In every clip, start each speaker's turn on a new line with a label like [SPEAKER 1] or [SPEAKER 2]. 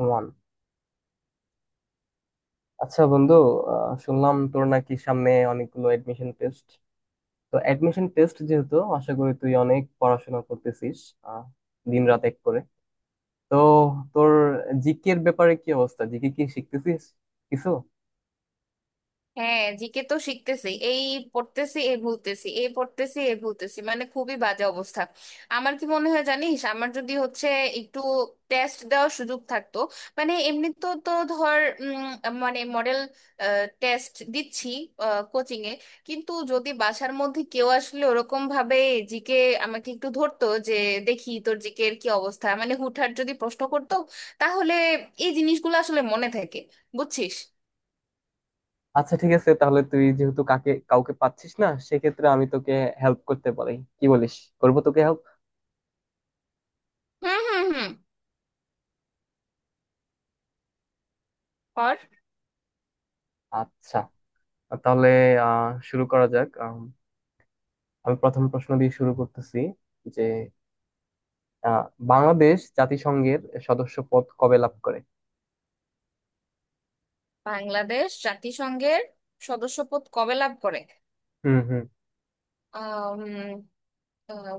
[SPEAKER 1] One. আচ্ছা বন্ধু, শুনলাম তোর নাকি সামনে অনেকগুলো এডমিশন টেস্ট। তো এডমিশন টেস্ট যেহেতু আশা করি তুই অনেক পড়াশোনা করতেছিস, আহ, দিন রাত এক করে। তো তোর জিকে এর ব্যাপারে কি অবস্থা, জিকে কি শিখতেছিস কিছু?
[SPEAKER 2] হ্যাঁ, জিকে তো শিখতেছি। এই পড়তেছি এ ভুলতেছি, এ পড়তেছি এ ভুলতেছি, মানে খুবই বাজে অবস্থা। আমার কি মনে হয় জানিস, আমার যদি হচ্ছে একটু টেস্ট দেওয়ার সুযোগ থাকতো। মানে এমনি তো তো ধর মানে মডেল টেস্ট দিচ্ছি কোচিং এ, কিন্তু যদি বাসার মধ্যে কেউ আসলে ওরকম ভাবে জিকে আমাকে একটু ধরতো, যে দেখি তোর জিকে এর কি অবস্থা, মানে হুটহাট যদি প্রশ্ন করতো, তাহলে এই জিনিসগুলো আসলে মনে থাকে। বুঝছিস?
[SPEAKER 1] আচ্ছা ঠিক আছে, তাহলে তুই যেহেতু কাকে কাউকে পাচ্ছিস না সেক্ষেত্রে আমি তোকে হেল্প করতে পারি, কি বলিস? করবো তোকে হেল্প।
[SPEAKER 2] হুম হুম হুম।
[SPEAKER 1] আচ্ছা, তাহলে শুরু করা যাক। আমি প্রথম প্রশ্ন দিয়ে শুরু করতেছি যে আহ বাংলাদেশ জাতিসংঘের সদস্য পদ কবে লাভ করে?
[SPEAKER 2] বাংলাদেশ জাতিসংঘের সদস্যপদ কবে লাভ করে?
[SPEAKER 1] হুম হুম।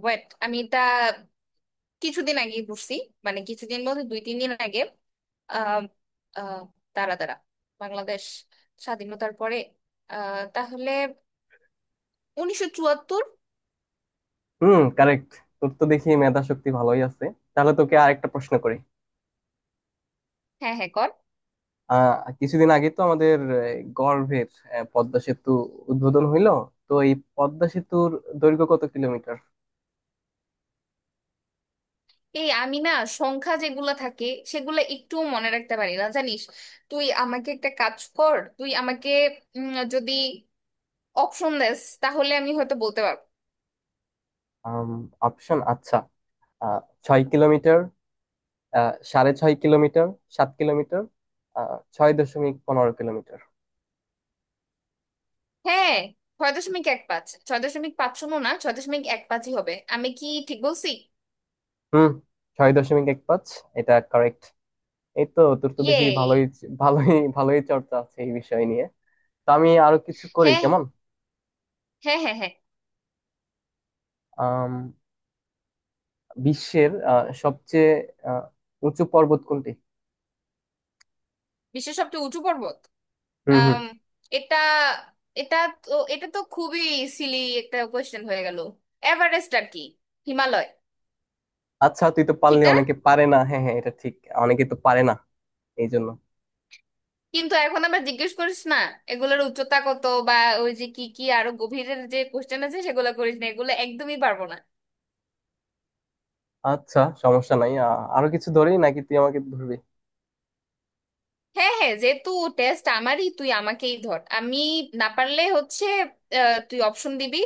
[SPEAKER 2] ওয়েট, আমি এটা কিছুদিন আগে পড়ছি। মানে কিছুদিন বলতে দুই তিন দিন আগে। আহ আহ দাঁড়া দাঁড়া, বাংলাদেশ স্বাধীনতার পরে, তাহলে 1974।
[SPEAKER 1] হুম, কারেক্ট। তোর তো দেখি মেধা শক্তি ভালোই আছে। তাহলে তোকে আরেকটা প্রশ্ন করি।
[SPEAKER 2] হ্যাঁ হ্যাঁ, কর।
[SPEAKER 1] আহ কিছুদিন আগে তো আমাদের গর্ভের পদ্মা সেতু উদ্বোধন হইলো। তো এই পদ্মা সেতুর দৈর্ঘ্য কত কিলোমিটার?
[SPEAKER 2] এই আমি না সংখ্যা যেগুলা থাকে সেগুলা একটু মনে রাখতে পারি না, জানিস। তুই আমাকে একটা কাজ কর, তুই আমাকে যদি অপশন দেস তাহলে আমি হয়তো বলতে পারবো।
[SPEAKER 1] অপশন, আচ্ছা। আহ ছয় কিলোমিটার, সাড়ে ছয় কিলোমিটার, সাত কিলোমিটার, 6.15 কিলোমিটার।
[SPEAKER 2] হ্যাঁ, 6.15, 6.50 না ছয় দশমিক এক পাঁচই হবে। আমি কি ঠিক বলছি?
[SPEAKER 1] হুম, 6.15, এটা কারেক্ট। এই তো, তোর তো
[SPEAKER 2] ইয়ে।
[SPEAKER 1] দেখি ভালোই ভালোই ভালোই চর্চা আছে এই বিষয় নিয়ে। তো আমি আরো কিছু করি,
[SPEAKER 2] হ্যাঁ
[SPEAKER 1] কেমন?
[SPEAKER 2] হ্যাঁ হ্যাঁ হ্যাঁ।
[SPEAKER 1] আম, বিশ্বের সবচেয়ে আহ, উঁচু পর্বত কোনটি?
[SPEAKER 2] বিশ্বের সবচেয়ে উঁচু পর্বত?
[SPEAKER 1] হুম হুম।
[SPEAKER 2] আম, এটা এটা তো এটা তো খুবই সিলি একটা কোয়েশ্চেন হয়ে গেল। এভারেস্ট আর কি। হিমালয়।
[SPEAKER 1] আচ্ছা, তুই তো
[SPEAKER 2] ঠিক
[SPEAKER 1] পারলি,
[SPEAKER 2] না?
[SPEAKER 1] অনেকে পারে না। হ্যাঁ হ্যাঁ, এটা ঠিক, অনেকে তো পারে না এই জন্য।
[SPEAKER 2] কিন্তু এখন আমরা জিজ্ঞেস করিস না এগুলোর উচ্চতা কত, বা ওই যে কি কি আরো গভীরের যে কোয়েশ্চেন আছে সেগুলো করিস না, এগুলো একদমই পারবো না।
[SPEAKER 1] আচ্ছা সমস্যা নাই, আরো কিছু ধরি, নাকি তুই আমাকে ধরবি?
[SPEAKER 2] হ্যাঁ হ্যাঁ, যেহেতু টেস্ট আমারই, তুই আমাকেই ধর। আমি না পারলে হচ্ছে তুই অপশন দিবি।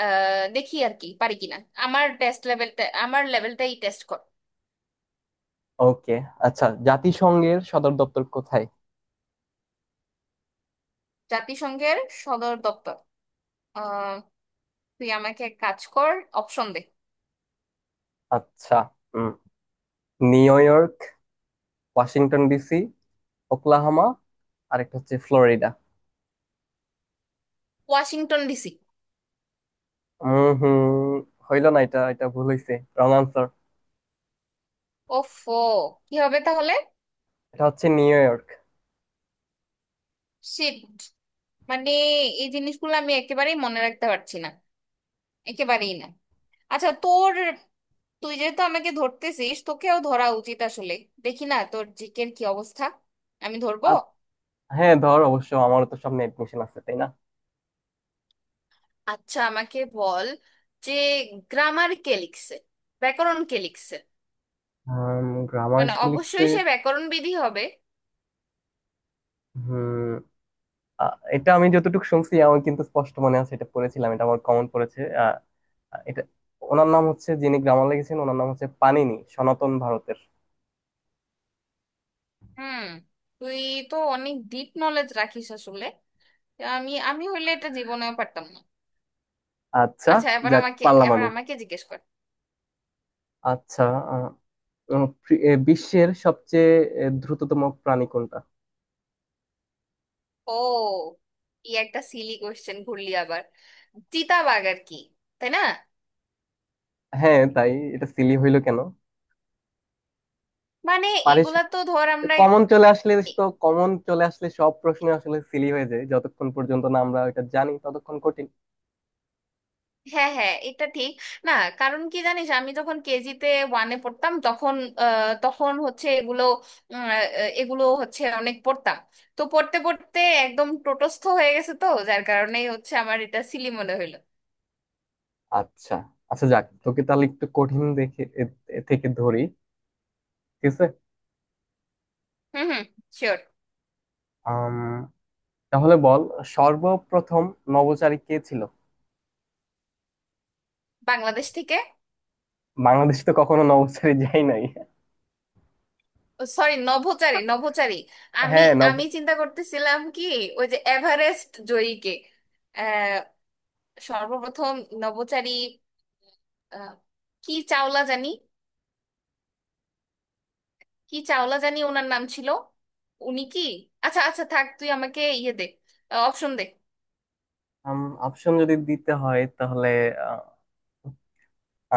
[SPEAKER 2] দেখি আর কি পারি কিনা। আমার টেস্ট লেভেলটা, আমার লেভেলটাই টেস্ট কর।
[SPEAKER 1] ওকে। আচ্ছা, জাতিসংঘের সদর দপ্তর কোথায়?
[SPEAKER 2] জাতিসংঘের সদর দপ্তর? আহ, তুই আমাকে এক কাজ কর, অপশন দে।
[SPEAKER 1] আচ্ছা, হুম। New York, Washington DC, Oklahoma, আরেকটা হচ্ছে ফ্লোরিডা।
[SPEAKER 2] Washington DC.
[SPEAKER 1] হম হম, হইলো না এটা, এটা ভুল হয়েছে, রং আনসার।
[SPEAKER 2] ওফো, কি হবে তাহলে?
[SPEAKER 1] এটা হচ্ছে নিউ ইয়র্ক।
[SPEAKER 2] শিট। মানে এই জিনিসগুলো আমি একেবারেই মনে রাখতে পারছি না, একেবারেই না। আচ্ছা তোর, তুই যেহেতু আমাকে ধরতেছিস তোকেও ধরা উচিত আসলে। দেখি না তোর জিকের কি অবস্থা, আমি ধরবো।
[SPEAKER 1] আর হ্যাঁ ধর, অবশ্য আমারও তো সামনে এডমিশন আছে, তাই না?
[SPEAKER 2] আচ্ছা আমাকে বল যে গ্রামার কে লিখছে, ব্যাকরণ কে লিখছে?
[SPEAKER 1] গ্রামার
[SPEAKER 2] মানে
[SPEAKER 1] কি লিখছে?
[SPEAKER 2] অবশ্যই সে ব্যাকরণ বিধি হবে।
[SPEAKER 1] হম, এটা আমি যতটুকু শুনছি আমার কিন্তু স্পষ্ট মনে আছে, এটা পড়েছিলাম, এটা আমার কমন পড়েছে। এটা, ওনার নাম হচ্ছে যিনি গ্রামার লিখেছেন, ওনার নাম হচ্ছে পানিনি, সনাতন ভারতের।
[SPEAKER 2] হুম, তুই তো অনেক ডিপ নলেজ রাখিস আসলে। আমি আমি হইলে এটা জীবনেও পারতাম না।
[SPEAKER 1] আচ্ছা,
[SPEAKER 2] আচ্ছা,
[SPEAKER 1] যাক পারলাম
[SPEAKER 2] এবার
[SPEAKER 1] আমি।
[SPEAKER 2] আমাকে জিজ্ঞেস কর।
[SPEAKER 1] আচ্ছা, আহ, উম, পৃ- এ, বিশ্বের সবচেয়ে দ্রুততম প্রাণী কোনটা?
[SPEAKER 2] ও, কি একটা সিলি কোয়েশ্চেন ঘুরলি আবার। চিতাবাঘ আর কি, তাই না?
[SPEAKER 1] হ্যাঁ তাই, এটা সিলি হইলো কেন?
[SPEAKER 2] মানে এগুলা তো ধর আমরা।
[SPEAKER 1] কমন চলে আসলে, তো কমন চলে আসলে সব প্রশ্ন আসলে সিলি হয়ে যায়, যতক্ষণ পর্যন্ত না আমরা এটা জানি ততক্ষণ কঠিন।
[SPEAKER 2] হ্যাঁ হ্যাঁ, এটা ঠিক না। কারণ কি জানিস, আমি যখন কেজিতে ওয়ানে পড়তাম তখন, তখন হচ্ছে এগুলো উম, আহ, এগুলো হচ্ছে অনেক পড়তাম। তো পড়তে পড়তে একদম টোটস্থ হয়ে গেছে, তো যার কারণেই হচ্ছে আমার এটা সিলি মনে হইলো।
[SPEAKER 1] আচ্ছা আচ্ছা, যাক তোকে তাহলে একটু কঠিন দেখে এ থেকে ধরি, ঠিক আছে?
[SPEAKER 2] হুম হুম, শিওর।
[SPEAKER 1] আম, তাহলে বল, সর্বপ্রথম নভোচারী কে ছিল?
[SPEAKER 2] বাংলাদেশ থেকে?
[SPEAKER 1] বাংলাদেশ তো কখনো নভোচারী যাই নাই।
[SPEAKER 2] সরি, নভোচারী নভোচারী। আমি,
[SPEAKER 1] হ্যাঁ,
[SPEAKER 2] আমি চিন্তা করতেছিলাম কি ওই যে এভারেস্ট জয়ীকে। আহ সর্বপ্রথম নভোচারী আহ, কি চাওলা জানি, কি চাওলা জানি ওনার নাম ছিল। উনি কি? আচ্ছা আচ্ছা থাক, তুই আমাকে ইয়ে দে, অপশন দে।
[SPEAKER 1] অপশন যদি দিতে হয় তাহলে আহ,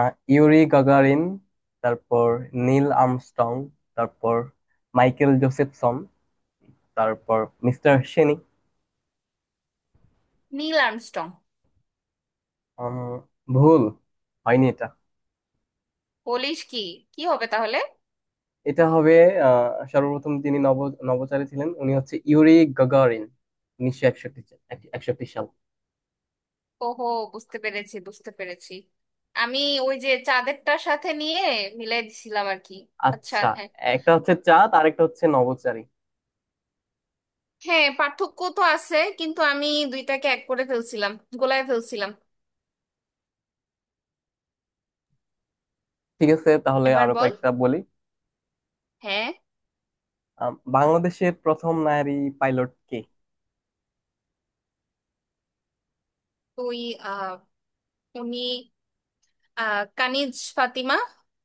[SPEAKER 1] আহ, ইউরি গাগারিন, তারপর নীল আর্মস্ট্রং, তারপর মাইকেল জোসেফসন, তারপর মিস্টার সেনি।
[SPEAKER 2] Neil Armstrong.
[SPEAKER 1] উম, ভুল হয়নি এটা?
[SPEAKER 2] বলিস কি, কি হবে তাহলে?
[SPEAKER 1] এটা হবে সর্বপ্রথম তিনি নভোচারী ছিলেন, উনি হচ্ছে ইউরি গাগারিন, 1961, 61 সাল।
[SPEAKER 2] ওহো, বুঝতে পেরেছি বুঝতে পেরেছি। আমি ওই যে চাঁদেরটার সাথে নিয়ে মিলাই দিছিলাম আর কি। আচ্ছা,
[SPEAKER 1] আচ্ছা,
[SPEAKER 2] হ্যাঁ।
[SPEAKER 1] একটা হচ্ছে চাঁদ আর একটা হচ্ছে নভোচারী।
[SPEAKER 2] হ্যাঁ পার্থক্য তো আছে, কিন্তু আমি দুইটাকে এক করে ফেলছিলাম, গোলায় ফেলছিলাম।
[SPEAKER 1] ঠিক আছে, তাহলে
[SPEAKER 2] এবার
[SPEAKER 1] আরো
[SPEAKER 2] বল,
[SPEAKER 1] কয়েকটা বলি।
[SPEAKER 2] হ্যাঁ।
[SPEAKER 1] বাংলাদেশের প্রথম নারী পাইলট কে?
[SPEAKER 2] তুই আহ উনি কানিজ ফাতিমা,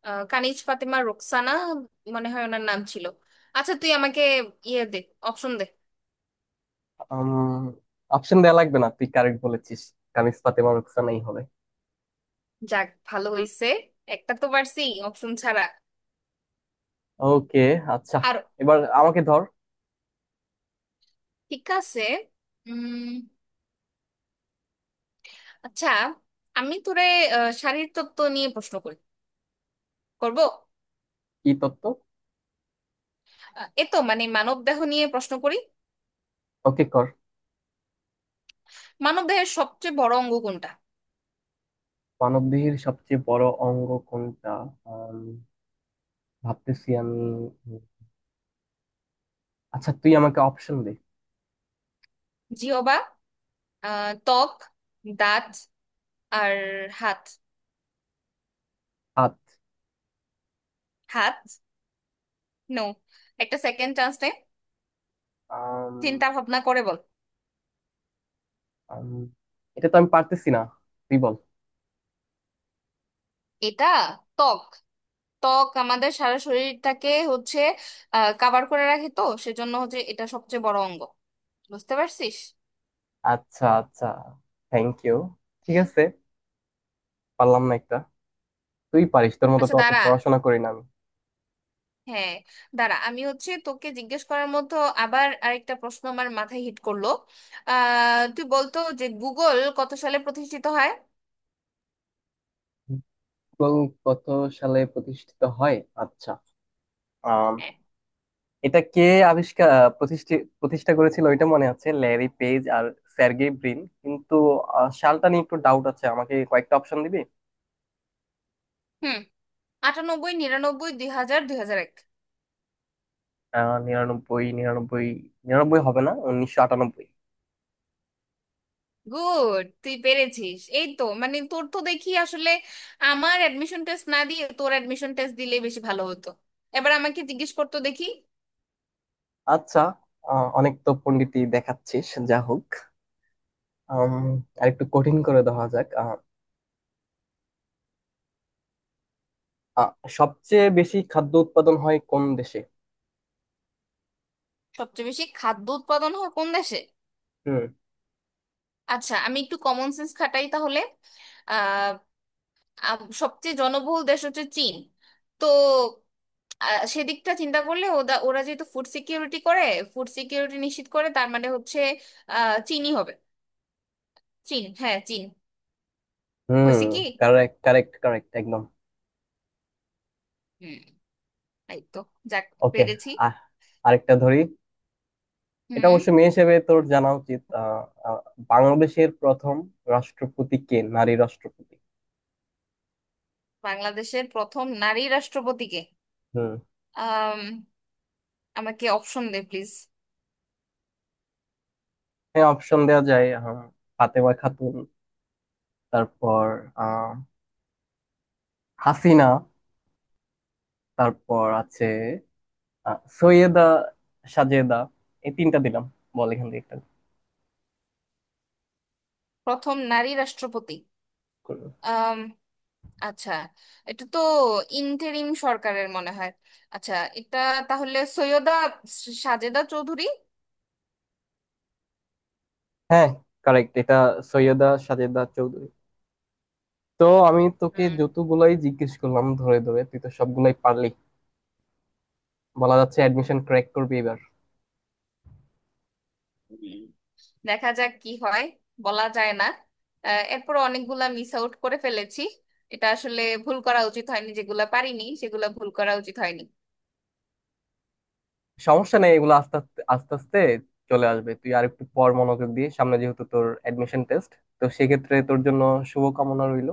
[SPEAKER 2] কানিজ ফাতিমা রোকসানা মনে হয় ওনার নাম ছিল। আচ্ছা তুই আমাকে ইয়ে দে, অপশন দে।
[SPEAKER 1] অপশন দেওয়া লাগবে না, তুই কারেক্ট বলেছিস। কামিজ ফাতেমা রোকসানাই হবে।
[SPEAKER 2] যাক, ভালো হইছে, একটা তো পারছি অপশন ছাড়া।
[SPEAKER 1] ওকে, আচ্ছা।
[SPEAKER 2] আর
[SPEAKER 1] এবার আমাকে ধর।
[SPEAKER 2] ঠিক আছে। উম, আচ্ছা, আমি তোরে শারীর তত্ত্ব নিয়ে প্রশ্ন করি, করব।
[SPEAKER 1] কি তত্ত্ব?
[SPEAKER 2] এ তো মানে মানব দেহ নিয়ে প্রশ্ন করি।
[SPEAKER 1] ওকে, কর।
[SPEAKER 2] মানব দেহের সবচেয়ে বড় অঙ্গ কোনটা?
[SPEAKER 1] মানবদেহের সবচেয়ে বড় অঙ্গ কোনটা? ভাবতেছি আমি। আচ্ছা তুই আমাকে অপশন দে।
[SPEAKER 2] জিহবা, ত্বক, দাঁত, আর হাত।
[SPEAKER 1] হাত?
[SPEAKER 2] হাত? নো, একটা সেকেন্ড চান্স নে।
[SPEAKER 1] আম,
[SPEAKER 2] চিন্তা ভাবনা করে বল।
[SPEAKER 1] আম, এটা তো আমি পারতেছি না, তুই বল।
[SPEAKER 2] এটা ত্বক। ত্বক আমাদের সারা শরীরটাকে হচ্ছে কাভার করে রাখে, তো সেজন্য হচ্ছে এটা সবচেয়ে বড় অঙ্গ। বুঝতে পারছিস?
[SPEAKER 1] আচ্ছা আচ্ছা, থ্যাংক ইউ। ঠিক আছে, পারলাম না একটা। তুই পারিস, তোর মতো
[SPEAKER 2] আচ্ছা
[SPEAKER 1] তো অত
[SPEAKER 2] দাঁড়া,
[SPEAKER 1] পড়াশোনা করি না আমি।
[SPEAKER 2] হ্যাঁ দাঁড়া, আমি হচ্ছে তোকে জিজ্ঞেস করার মতো আবার আরেকটা প্রশ্ন আমার মাথায় হিট করলো। তুই বলতো যে গুগল কত সালে প্রতিষ্ঠিত হয়?
[SPEAKER 1] গুগল কত সালে প্রতিষ্ঠিত হয়? আচ্ছা, আম,
[SPEAKER 2] হ্যাঁ।
[SPEAKER 1] এটা কে আবিষ্কার, প্রতিষ্ঠা প্রতিষ্ঠা করেছিল ওইটা মনে আছে, ল্যারি পেজ আর স্যার্গেই ব্রিন, কিন্তু সালটা নিয়ে একটু ডাউট আছে, আমাকে কয়েকটা অপশন দিবি?
[SPEAKER 2] হুম, 98, 99, 2000, 2001।
[SPEAKER 1] আহ নিরানব্বই নিরানব্বই, নিরানব্বই হবে না, 1998।
[SPEAKER 2] গুড, তুই পেরেছিস। এই তো, মানে তোর তো দেখি আসলে আমার অ্যাডমিশন টেস্ট না দিয়ে তোর অ্যাডমিশন টেস্ট দিলে বেশি ভালো হতো। এবার আমাকে জিজ্ঞেস করতো দেখি।
[SPEAKER 1] আচ্ছা, অনেক তো পন্ডিতি দেখাচ্ছিস, যা হোক। আম, আরেকটু কঠিন করে দেওয়া যাক। আহ, আহ, সবচেয়ে বেশি খাদ্য উৎপাদন হয় কোন দেশে?
[SPEAKER 2] সবচেয়ে বেশি খাদ্য উৎপাদন হয় কোন দেশে?
[SPEAKER 1] হুম।
[SPEAKER 2] আচ্ছা আমি একটু কমন সেন্স খাটাই তাহলে। আহ সবচেয়ে জনবহুল দেশ হচ্ছে চীন, তো সেদিকটা চিন্তা করলে ওরা যেহেতু ফুড সিকিউরিটি করে, ফুড সিকিউরিটি নিশ্চিত করে, তার মানে হচ্ছে চীনই হবে। চীন, হ্যাঁ চীন।
[SPEAKER 1] হুম,
[SPEAKER 2] হয়েছে কি?
[SPEAKER 1] কারেক্ট কারেক্ট কারেক্ট একদম।
[SPEAKER 2] হুম, এই তো, যাক,
[SPEAKER 1] ওকে।
[SPEAKER 2] পেরেছি।
[SPEAKER 1] আহ আরেকটা ধরি। এটা
[SPEAKER 2] হুম।
[SPEAKER 1] অবশ্য মেয়ে হিসেবে তোর জানা উচিত। আহ, আহ, বাংলাদেশের প্রথম রাষ্ট্রপতি কে নারী রাষ্ট্রপতি?
[SPEAKER 2] বাংলাদেশের প্রথম নারী রাষ্ট্রপতিকে?
[SPEAKER 1] হুম।
[SPEAKER 2] আম, আমাকে অপশন দে প্লিজ।
[SPEAKER 1] হ্যাঁ অপশন দেওয়া যায়, ফাতেমা খাতুন, তারপর আহ হাসিনা, তারপর আছে সৈয়দা সাজেদা। এই তিনটা দিলাম, বল এখান থেকে একটা
[SPEAKER 2] প্রথম নারী রাষ্ট্রপতি।
[SPEAKER 1] করবো।
[SPEAKER 2] আম, আচ্ছা, এটা তো ইন্টেরিম সরকারের মনে হয়। আচ্ছা, এটা তাহলে সৈয়দা সাজেদা চৌধুরী।
[SPEAKER 1] হ্যাঁ কারেক্ট, এটা সৈয়দা সাজেদা চৌধুরী। তো আমি তোকে
[SPEAKER 2] হুম।
[SPEAKER 1] যতগুলাই জিজ্ঞেস করলাম ধরে ধরে তুই তো সবগুলাই পারলি। বলা যাচ্ছে অ্যাডমিশন ক্র্যাক করবি এবার।
[SPEAKER 2] হুম। দেখা যাক কি হয়, বলা যায় না। এরপর অনেকগুলা মিস আউট করে ফেলেছি। এটা আসলে ভুল করা উচিত হয়নি, যেগুলা পারিনি সেগুলা ভুল করা উচিত হয়নি।
[SPEAKER 1] সমস্যা নেই, এগুলো আস্তে আস্তে আস্তে আস্তে চলে আসবে। তুই আর একটু পর মনোযোগ দিয়ে, সামনে যেহেতু তোর অ্যাডমিশন টেস্ট, তো সেক্ষেত্রে তোর জন্য শুভকামনা রইলো।